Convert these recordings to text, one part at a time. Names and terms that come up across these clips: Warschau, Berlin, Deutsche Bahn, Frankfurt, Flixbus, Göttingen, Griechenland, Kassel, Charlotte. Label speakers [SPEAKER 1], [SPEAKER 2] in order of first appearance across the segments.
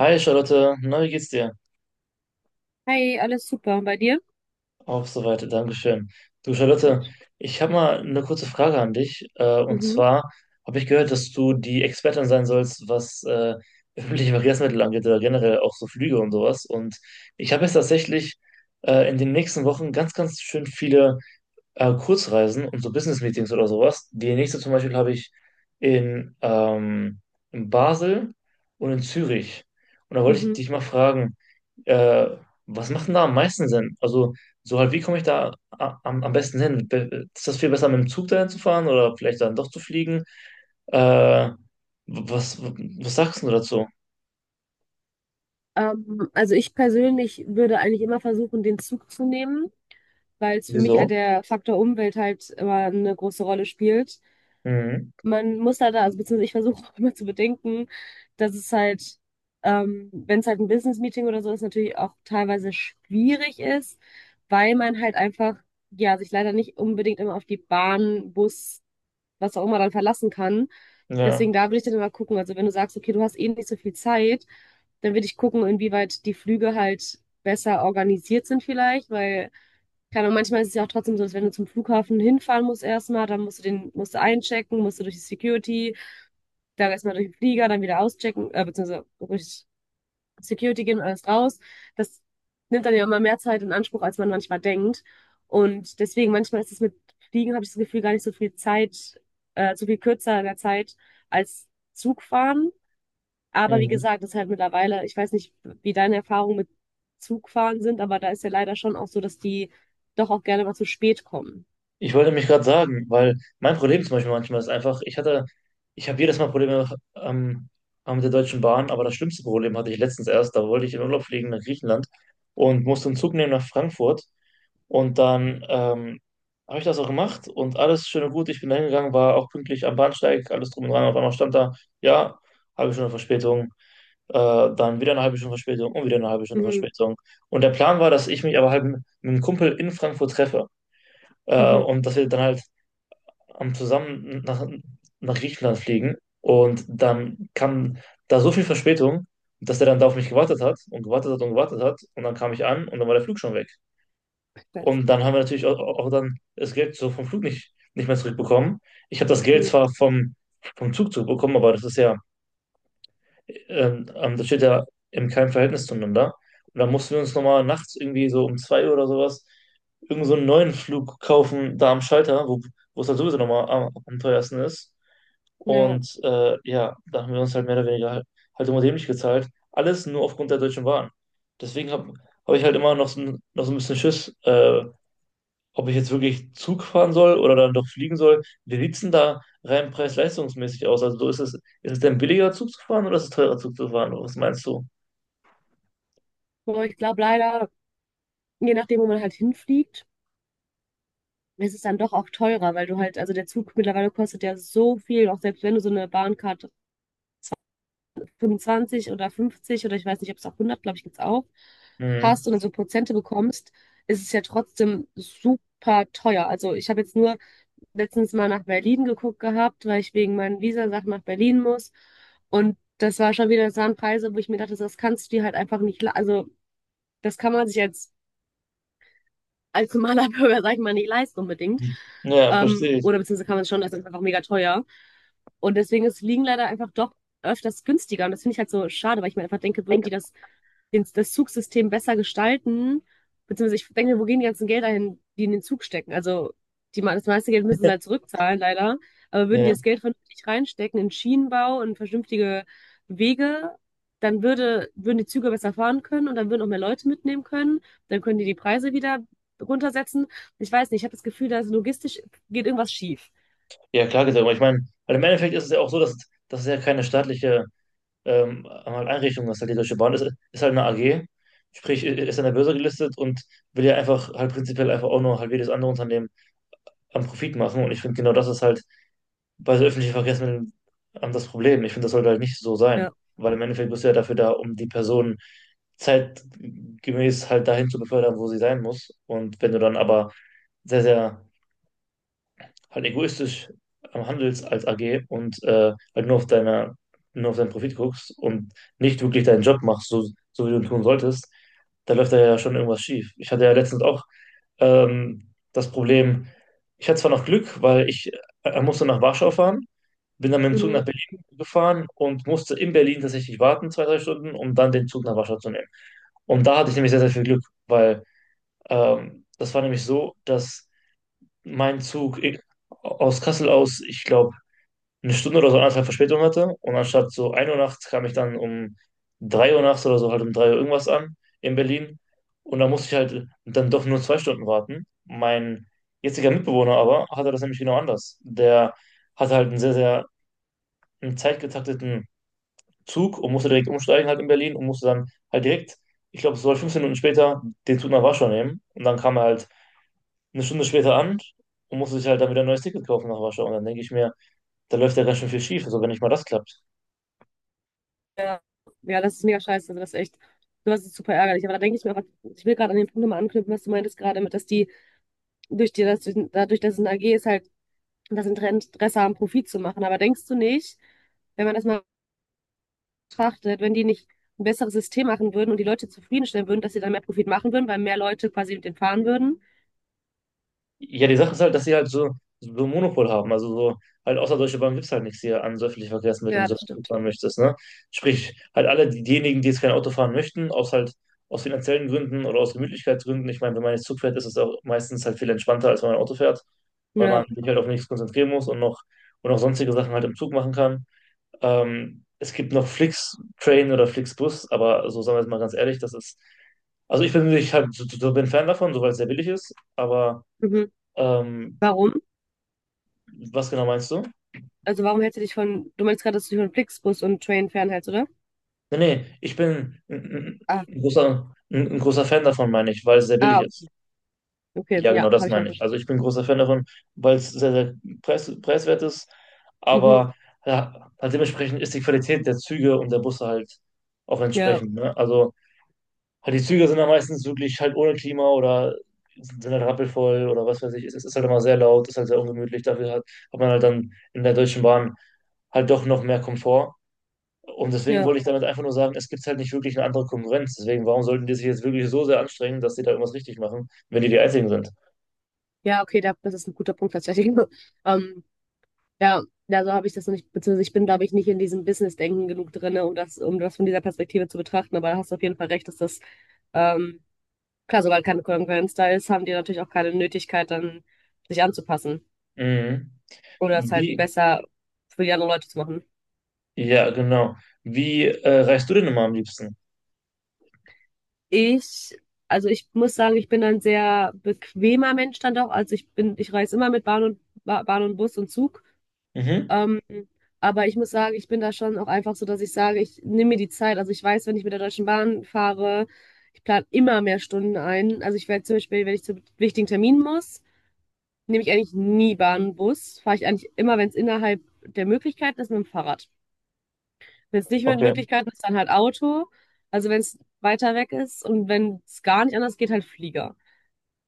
[SPEAKER 1] Hi Charlotte, na, wie geht's dir?
[SPEAKER 2] Hi, alles super. Und bei dir?
[SPEAKER 1] Auch soweit, Dankeschön. Du Charlotte,
[SPEAKER 2] Nicht.
[SPEAKER 1] ich habe mal eine kurze Frage an dich. Und
[SPEAKER 2] Mhm.
[SPEAKER 1] zwar habe ich gehört, dass du die Expertin sein sollst, was öffentliche Verkehrsmittel angeht oder generell auch so Flüge und sowas. Und ich habe jetzt tatsächlich in den nächsten Wochen ganz schön viele Kurzreisen und so Business-Meetings oder sowas. Die nächste zum Beispiel habe ich in in Basel und in Zürich. Und da wollte ich
[SPEAKER 2] Mhm.
[SPEAKER 1] dich mal fragen, äh, was macht denn da am meisten Sinn? Also, so halt, wie komme ich da am besten hin? Ist das viel besser, mit dem Zug dahin zu fahren oder vielleicht dann doch zu fliegen? Äh, was sagst du dazu?
[SPEAKER 2] Also ich persönlich würde eigentlich immer versuchen, den Zug zu nehmen, weil es für mich
[SPEAKER 1] Wieso?
[SPEAKER 2] halt der Faktor Umwelt halt immer eine große Rolle spielt.
[SPEAKER 1] Mhm.
[SPEAKER 2] Man muss da, also beziehungsweise ich versuche auch immer zu bedenken, dass es halt, wenn es halt ein Business-Meeting oder so ist, natürlich auch teilweise schwierig ist, weil man halt einfach, ja, sich leider nicht unbedingt immer auf die Bahn, Bus, was auch immer dann verlassen kann.
[SPEAKER 1] Ja.
[SPEAKER 2] Deswegen da würde ich dann immer gucken. Also wenn du sagst, okay, du hast eh nicht so viel Zeit, dann würde ich gucken, inwieweit die Flüge halt besser organisiert sind vielleicht, weil, keine Ahnung, manchmal ist es ja auch trotzdem so, dass wenn du zum Flughafen hinfahren musst erstmal, dann musst du einchecken, musst du durch die Security, dann erstmal durch den Flieger, dann wieder auschecken, beziehungsweise durch Security gehen und alles raus. Das nimmt dann ja immer mehr Zeit in Anspruch, als man manchmal denkt. Und deswegen, manchmal ist es mit Fliegen, habe ich das Gefühl, gar nicht so viel Zeit, so viel kürzer in der Zeit als Zugfahren. Aber wie
[SPEAKER 1] Mhm.
[SPEAKER 2] gesagt, das ist halt mittlerweile, ich weiß nicht, wie deine Erfahrungen mit Zugfahren sind, aber da ist ja leider schon auch so, dass die doch auch gerne mal zu spät kommen.
[SPEAKER 1] Ich wollte mich gerade sagen, weil mein Problem zum Beispiel manchmal ist einfach, ich habe jedes Mal Probleme ähm, mit der Deutschen Bahn, aber das schlimmste Problem hatte ich letztens erst. Da wollte ich in Urlaub fliegen nach Griechenland und musste einen Zug nehmen nach Frankfurt. Und dann habe ich das auch gemacht und alles schön und gut. Ich bin da hingegangen, war auch pünktlich am Bahnsteig, alles drum und dran. Auf einmal stand da, ja, halbe Stunde Verspätung, äh, dann wieder eine halbe Stunde Verspätung und wieder eine halbe Stunde
[SPEAKER 2] Mhm.
[SPEAKER 1] Verspätung. Und der Plan war, dass ich mich aber halt mit einem Kumpel in Frankfurt treffe,
[SPEAKER 2] Mhm.
[SPEAKER 1] und dass wir dann halt am zusammen nach Griechenland fliegen, und dann kam da so viel Verspätung, dass der dann da auf mich gewartet hat und gewartet hat und gewartet hat, und dann kam ich an und dann war der Flug schon weg.
[SPEAKER 2] Das-
[SPEAKER 1] Und dann haben wir natürlich auch dann das Geld so vom Flug nicht mehr zurückbekommen. Ich habe das Geld
[SPEAKER 2] Mhm.
[SPEAKER 1] zwar vom Zug zurückbekommen, aber das ist ja, das steht ja in keinem Verhältnis zueinander. Und dann mussten wir uns nochmal nachts irgendwie so um zwei Uhr oder sowas irgend so einen neuen Flug kaufen da am Schalter, wo es halt sowieso nochmal am teuersten ist.
[SPEAKER 2] Ja,
[SPEAKER 1] Und ja, da haben wir uns halt mehr oder weniger halt immer dämlich gezahlt. Alles nur aufgrund der Deutschen Bahn. Deswegen hab ich halt immer noch so, noch so ein bisschen Schiss, ob ich jetzt wirklich Zug fahren soll oder dann doch fliegen soll. Wie sieht's denn da rein preis-leistungsmäßig aus? Also ist es denn billiger Zug zu fahren oder ist es teurer Zug zu fahren? Was meinst du?
[SPEAKER 2] aber ich glaube leider, je nachdem, wo man halt hinfliegt, es ist dann doch auch teurer, weil du halt, also der Zug mittlerweile kostet ja so viel, auch selbst wenn du so eine Bahncard 25 oder 50 oder ich weiß nicht, ob es auch 100, glaube ich, gibt's auch,
[SPEAKER 1] Mhm.
[SPEAKER 2] hast und dann so Prozente bekommst, ist es ja trotzdem super teuer. Also ich habe jetzt nur letztens mal nach Berlin geguckt gehabt, weil ich wegen meinen Visasachen nach Berlin muss und das war schon wieder, das waren Preise, wo ich mir dachte, das kannst du dir halt einfach nicht, le- also das kann man sich als normaler Bürger, sag ich mal, nicht leisten unbedingt.
[SPEAKER 1] Ja, verstehe ich.
[SPEAKER 2] Oder beziehungsweise kann man es schon, das ist einfach mega teuer. Und deswegen ist Fliegen leider einfach doch öfters günstiger. Und das finde ich halt so schade, weil ich mir einfach denke, würden die das, den, das Zugsystem besser gestalten, beziehungsweise ich denke, wo gehen die ganzen Gelder hin, die in den Zug stecken? Also die, me- das meiste Geld müssen sie halt zurückzahlen, leider. Aber würden die
[SPEAKER 1] Ja,
[SPEAKER 2] das Geld vernünftig reinstecken in Schienenbau und vernünftige Wege, dann würde, würden die Züge besser fahren können und dann würden auch mehr Leute mitnehmen können. Dann können die die Preise wieder runtersetzen. Ich weiß nicht, ich habe das Gefühl, dass logistisch geht irgendwas schief.
[SPEAKER 1] ja klar gesagt. Aber ich meine, weil im Endeffekt ist es ja auch so, das ist ja keine staatliche halt Einrichtung, das ist halt die Deutsche Bahn, ist halt eine AG, sprich ist an der Börse gelistet und will ja einfach halt prinzipiell einfach auch nur halt wie das andere Unternehmen am Profit machen, und ich finde genau das ist halt bei so öffentlichen Verkehrsmitteln das Problem. Ich finde, das sollte halt nicht so sein,
[SPEAKER 2] Ja.
[SPEAKER 1] weil im Endeffekt bist du ja dafür da, um die Person zeitgemäß halt dahin zu befördern, wo sie sein muss, und wenn du dann aber sehr halt egoistisch am handelst als AG und halt nur auf nur auf deinen Profit guckst und nicht wirklich deinen Job machst, so, so wie du ihn tun solltest, da läuft da ja schon irgendwas schief. Ich hatte ja letztens auch das Problem, ich hatte zwar noch Glück, weil ich musste nach Warschau fahren, bin dann mit dem Zug
[SPEAKER 2] Mhm.
[SPEAKER 1] nach Berlin gefahren und musste in Berlin tatsächlich warten, zwei, drei Stunden, um dann den Zug nach Warschau zu nehmen. Und da hatte ich nämlich sehr viel Glück, weil das war nämlich so, dass mein Zug ich, aus Kassel aus, ich glaube, eine Stunde oder so anderthalb Verspätung hatte. Und anstatt so ein Uhr nachts kam ich dann um 3 Uhr nachts oder so halt um 3 Uhr irgendwas an in Berlin. Und da musste ich halt dann doch nur zwei Stunden warten. Mein jetziger Mitbewohner aber hatte das nämlich genau anders. Der hatte halt einen sehr einen zeitgetakteten Zug und musste direkt umsteigen halt in Berlin und musste dann halt direkt, ich glaube, so 15 Minuten später den Zug nach Warschau nehmen. Und dann kam er halt eine Stunde später an und musste sich halt dann wieder ein neues Ticket kaufen nach Warschau. Und dann denke ich mir, da läuft ja ganz schön viel schief, also wenn nicht mal das klappt.
[SPEAKER 2] Ja, ja, das ist mega scheiße. Also das ist echt, sowas ist super ärgerlich. Aber da denke ich mir einfach, ich will gerade an den Punkt nochmal anknüpfen, was du meintest gerade mit, dass die durch die, dass, durch- dadurch, dass es ein AG ist, halt das Interesse haben, Profit zu machen. Aber denkst du nicht, wenn man das mal betrachtet, wenn die nicht ein besseres System machen würden und die Leute zufriedenstellen würden, dass sie dann mehr Profit machen würden, weil mehr Leute quasi mit denen fahren würden?
[SPEAKER 1] Ja, die Sache ist halt, dass sie halt so, so ein Monopol haben. Also so, halt außer Deutsche Bahn gibt es halt nichts hier an so öffentlichen Verkehrsmitteln,
[SPEAKER 2] Ja,
[SPEAKER 1] so
[SPEAKER 2] das
[SPEAKER 1] dass du
[SPEAKER 2] stimmt.
[SPEAKER 1] fahren möchtest, ne? Sprich, halt alle diejenigen, die jetzt kein Auto fahren möchten, aus finanziellen Gründen oder aus Gemütlichkeitsgründen. Ich meine, wenn man jetzt Zug fährt, ist es auch meistens halt viel entspannter, als wenn man Auto fährt, weil man
[SPEAKER 2] Ja.
[SPEAKER 1] sich halt auf nichts konzentrieren muss und auch sonstige Sachen halt im Zug machen kann. Es gibt noch flix oder Flixbus, aber so sagen wir es mal ganz ehrlich, das ist, also ich bin Fan davon, soweit es sehr billig ist, aber
[SPEAKER 2] Mhm.
[SPEAKER 1] ähm,
[SPEAKER 2] Warum?
[SPEAKER 1] was genau meinst du?
[SPEAKER 2] Also warum hältst du dich von, du meinst gerade, dass du dich von Flixbus und Train fernhältst, oder?
[SPEAKER 1] Nee, ich bin ein, ein,
[SPEAKER 2] Ah,
[SPEAKER 1] ein großer, ein, ein großer Fan davon, meine ich, weil es sehr billig
[SPEAKER 2] ah,
[SPEAKER 1] ist.
[SPEAKER 2] okay,
[SPEAKER 1] Ja, genau
[SPEAKER 2] ja,
[SPEAKER 1] das
[SPEAKER 2] habe ich halt
[SPEAKER 1] meine ich.
[SPEAKER 2] verstanden.
[SPEAKER 1] Also ich bin ein großer Fan davon, weil es sehr preiswert ist,
[SPEAKER 2] Mhm,
[SPEAKER 1] aber ja, halt dementsprechend ist die Qualität der Züge und der Busse halt auch
[SPEAKER 2] ja,
[SPEAKER 1] entsprechend. Ne? Also halt die Züge sind dann meistens wirklich halt ohne Klima oder sind halt rappelvoll oder was weiß ich. Es ist halt immer sehr laut, ist halt sehr ungemütlich. Hat man halt dann in der Deutschen Bahn halt doch noch mehr Komfort. Und deswegen
[SPEAKER 2] ja,
[SPEAKER 1] wollte ich damit einfach nur sagen, es gibt halt nicht wirklich eine andere Konkurrenz. Deswegen, warum sollten die sich jetzt wirklich so sehr anstrengen, dass die da irgendwas richtig machen, wenn die die Einzigen sind?
[SPEAKER 2] ja, okay, da, das ist ein guter Punkt tatsächlich. Ähm, ja, ja, so habe ich das noch nicht, beziehungsweise ich bin, glaube ich, nicht in diesem Business-Denken genug drinne, um das von dieser Perspektive zu betrachten, aber da hast du auf jeden Fall recht, dass das, ähm, klar, sobald keine Konkurrenz da ist, haben die natürlich auch keine Nötigkeit, dann sich anzupassen
[SPEAKER 1] Mhm.
[SPEAKER 2] oder es halt
[SPEAKER 1] Wie?
[SPEAKER 2] besser für die anderen Leute zu machen.
[SPEAKER 1] Ja, genau. Wie reist du denn immer am liebsten?
[SPEAKER 2] Ich, also ich muss sagen, ich bin ein sehr bequemer Mensch dann doch. Also ich bin, ich reise immer mit Bahn und Bahn und Bus und Zug.
[SPEAKER 1] Mhm.
[SPEAKER 2] Ähm, aber ich muss sagen, ich bin da schon auch einfach so, dass ich sage, ich nehme mir die Zeit. Also ich weiß, wenn ich mit der Deutschen Bahn fahre, ich plane immer mehr Stunden ein. Also ich werde zum Beispiel, wenn ich zu wichtigen Terminen muss, nehme ich eigentlich nie Bahn und Bus. Fahre ich eigentlich immer, wenn es innerhalb der Möglichkeiten ist, mit dem Fahrrad. Wenn es nicht mit
[SPEAKER 1] Okay.
[SPEAKER 2] Möglichkeiten ist, dann halt Auto. Also wenn es weiter weg ist und wenn es gar nicht anders geht, halt Flieger.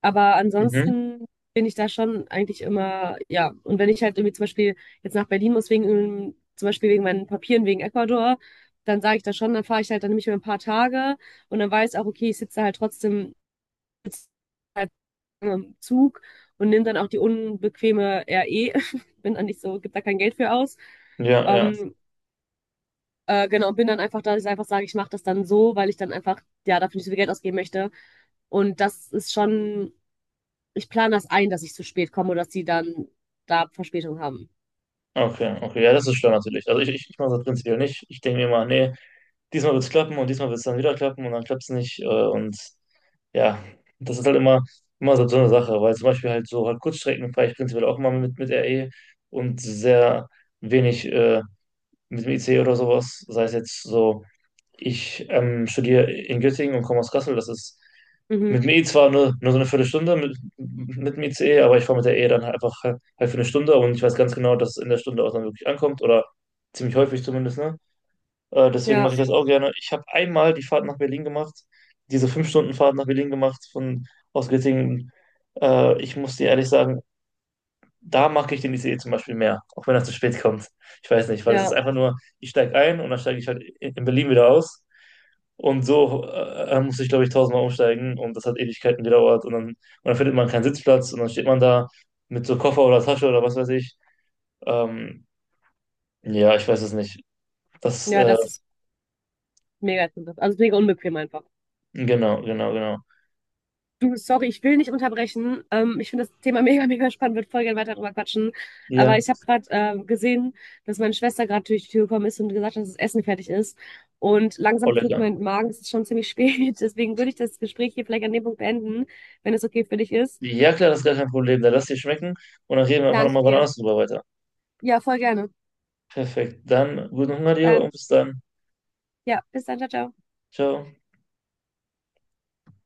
[SPEAKER 2] Aber
[SPEAKER 1] Mhm.
[SPEAKER 2] ansonsten bin ich da schon eigentlich immer, ja. Und wenn ich halt irgendwie zum Beispiel jetzt nach Berlin muss, wegen, zum Beispiel wegen meinen Papieren, wegen Ecuador, dann sage ich das schon, dann fahre ich halt, dann nehme ich mir ein paar Tage und dann weiß auch, okay, ich sitze halt trotzdem sitze halt im Zug und nehme dann auch die unbequeme RE. Bin dann nicht so, gibt da kein Geld für aus.
[SPEAKER 1] Ja, ja.
[SPEAKER 2] Ähm, genau, bin dann einfach da, dass ich einfach sage, ich mache das dann so, weil ich dann einfach, ja, dafür nicht so viel Geld ausgeben möchte. Und das ist schon, ich plane das ein, dass ich zu spät komme oder dass die dann da Verspätung haben.
[SPEAKER 1] Okay, okay. Ja, das ist schlau natürlich. Also ich mache das prinzipiell nicht. Ich denke mir immer, nee, diesmal wird es klappen und diesmal wird es dann wieder klappen und dann klappt es nicht. Und ja, das ist halt immer so, so eine Sache, weil zum Beispiel halt so halt Kurzstrecken fahre ich prinzipiell auch immer mit RE und sehr wenig mit dem IC oder sowas. Sei es jetzt so, ich studiere in Göttingen und komme aus Kassel, das ist
[SPEAKER 2] Mhm.
[SPEAKER 1] mit dem E zwar nur so eine Viertelstunde mit dem ICE, aber ich fahre mit der E dann halt einfach halt für eine Stunde und ich weiß ganz genau, dass es in der Stunde auch dann wirklich ankommt oder ziemlich häufig zumindest, ne? Deswegen
[SPEAKER 2] Ja,
[SPEAKER 1] mache ich das auch gerne. Ich habe einmal die Fahrt nach Berlin gemacht, diese 5 Stunden Fahrt nach Berlin gemacht von aus Göttingen. Ich muss dir ehrlich sagen, da mag ich den ICE zum Beispiel mehr, auch wenn er zu spät kommt. Ich weiß nicht, weil es ist
[SPEAKER 2] ja,
[SPEAKER 1] einfach nur, ich steige ein und dann steige ich halt in Berlin wieder aus. Und so muss ich, glaube ich, tausendmal umsteigen und das hat Ewigkeiten gedauert und dann findet man keinen Sitzplatz und dann steht man da mit so Koffer oder Tasche oder was weiß ich. Ähm, ja, ich weiß es nicht. Das,
[SPEAKER 2] ja,
[SPEAKER 1] äh,
[SPEAKER 2] das ist mega interessant. Also mega unbequem einfach.
[SPEAKER 1] genau, genau, genau.
[SPEAKER 2] Du, sorry, ich will nicht unterbrechen. Ich finde das Thema mega, mega spannend, würde voll gerne weiter drüber quatschen. Aber
[SPEAKER 1] Ja,
[SPEAKER 2] ich habe gerade gesehen, dass meine Schwester gerade durch die Tür gekommen ist und gesagt hat, dass das Essen fertig ist. Und
[SPEAKER 1] voll
[SPEAKER 2] langsam knurrt
[SPEAKER 1] lecker.
[SPEAKER 2] mein Magen, es ist schon ziemlich spät. Deswegen würde ich das Gespräch hier vielleicht an dem Punkt beenden, wenn es okay für dich ist.
[SPEAKER 1] Ja, klar, das ist gar kein Problem. Dann lass dir schmecken und dann reden wir einfach
[SPEAKER 2] Danke
[SPEAKER 1] nochmal wann
[SPEAKER 2] dir.
[SPEAKER 1] anders drüber weiter.
[SPEAKER 2] Ja, voll gerne.
[SPEAKER 1] Perfekt. Dann guten Hunger dir
[SPEAKER 2] Dann,
[SPEAKER 1] und bis dann.
[SPEAKER 2] ja, bis dann, ciao, ciao.
[SPEAKER 1] Ciao.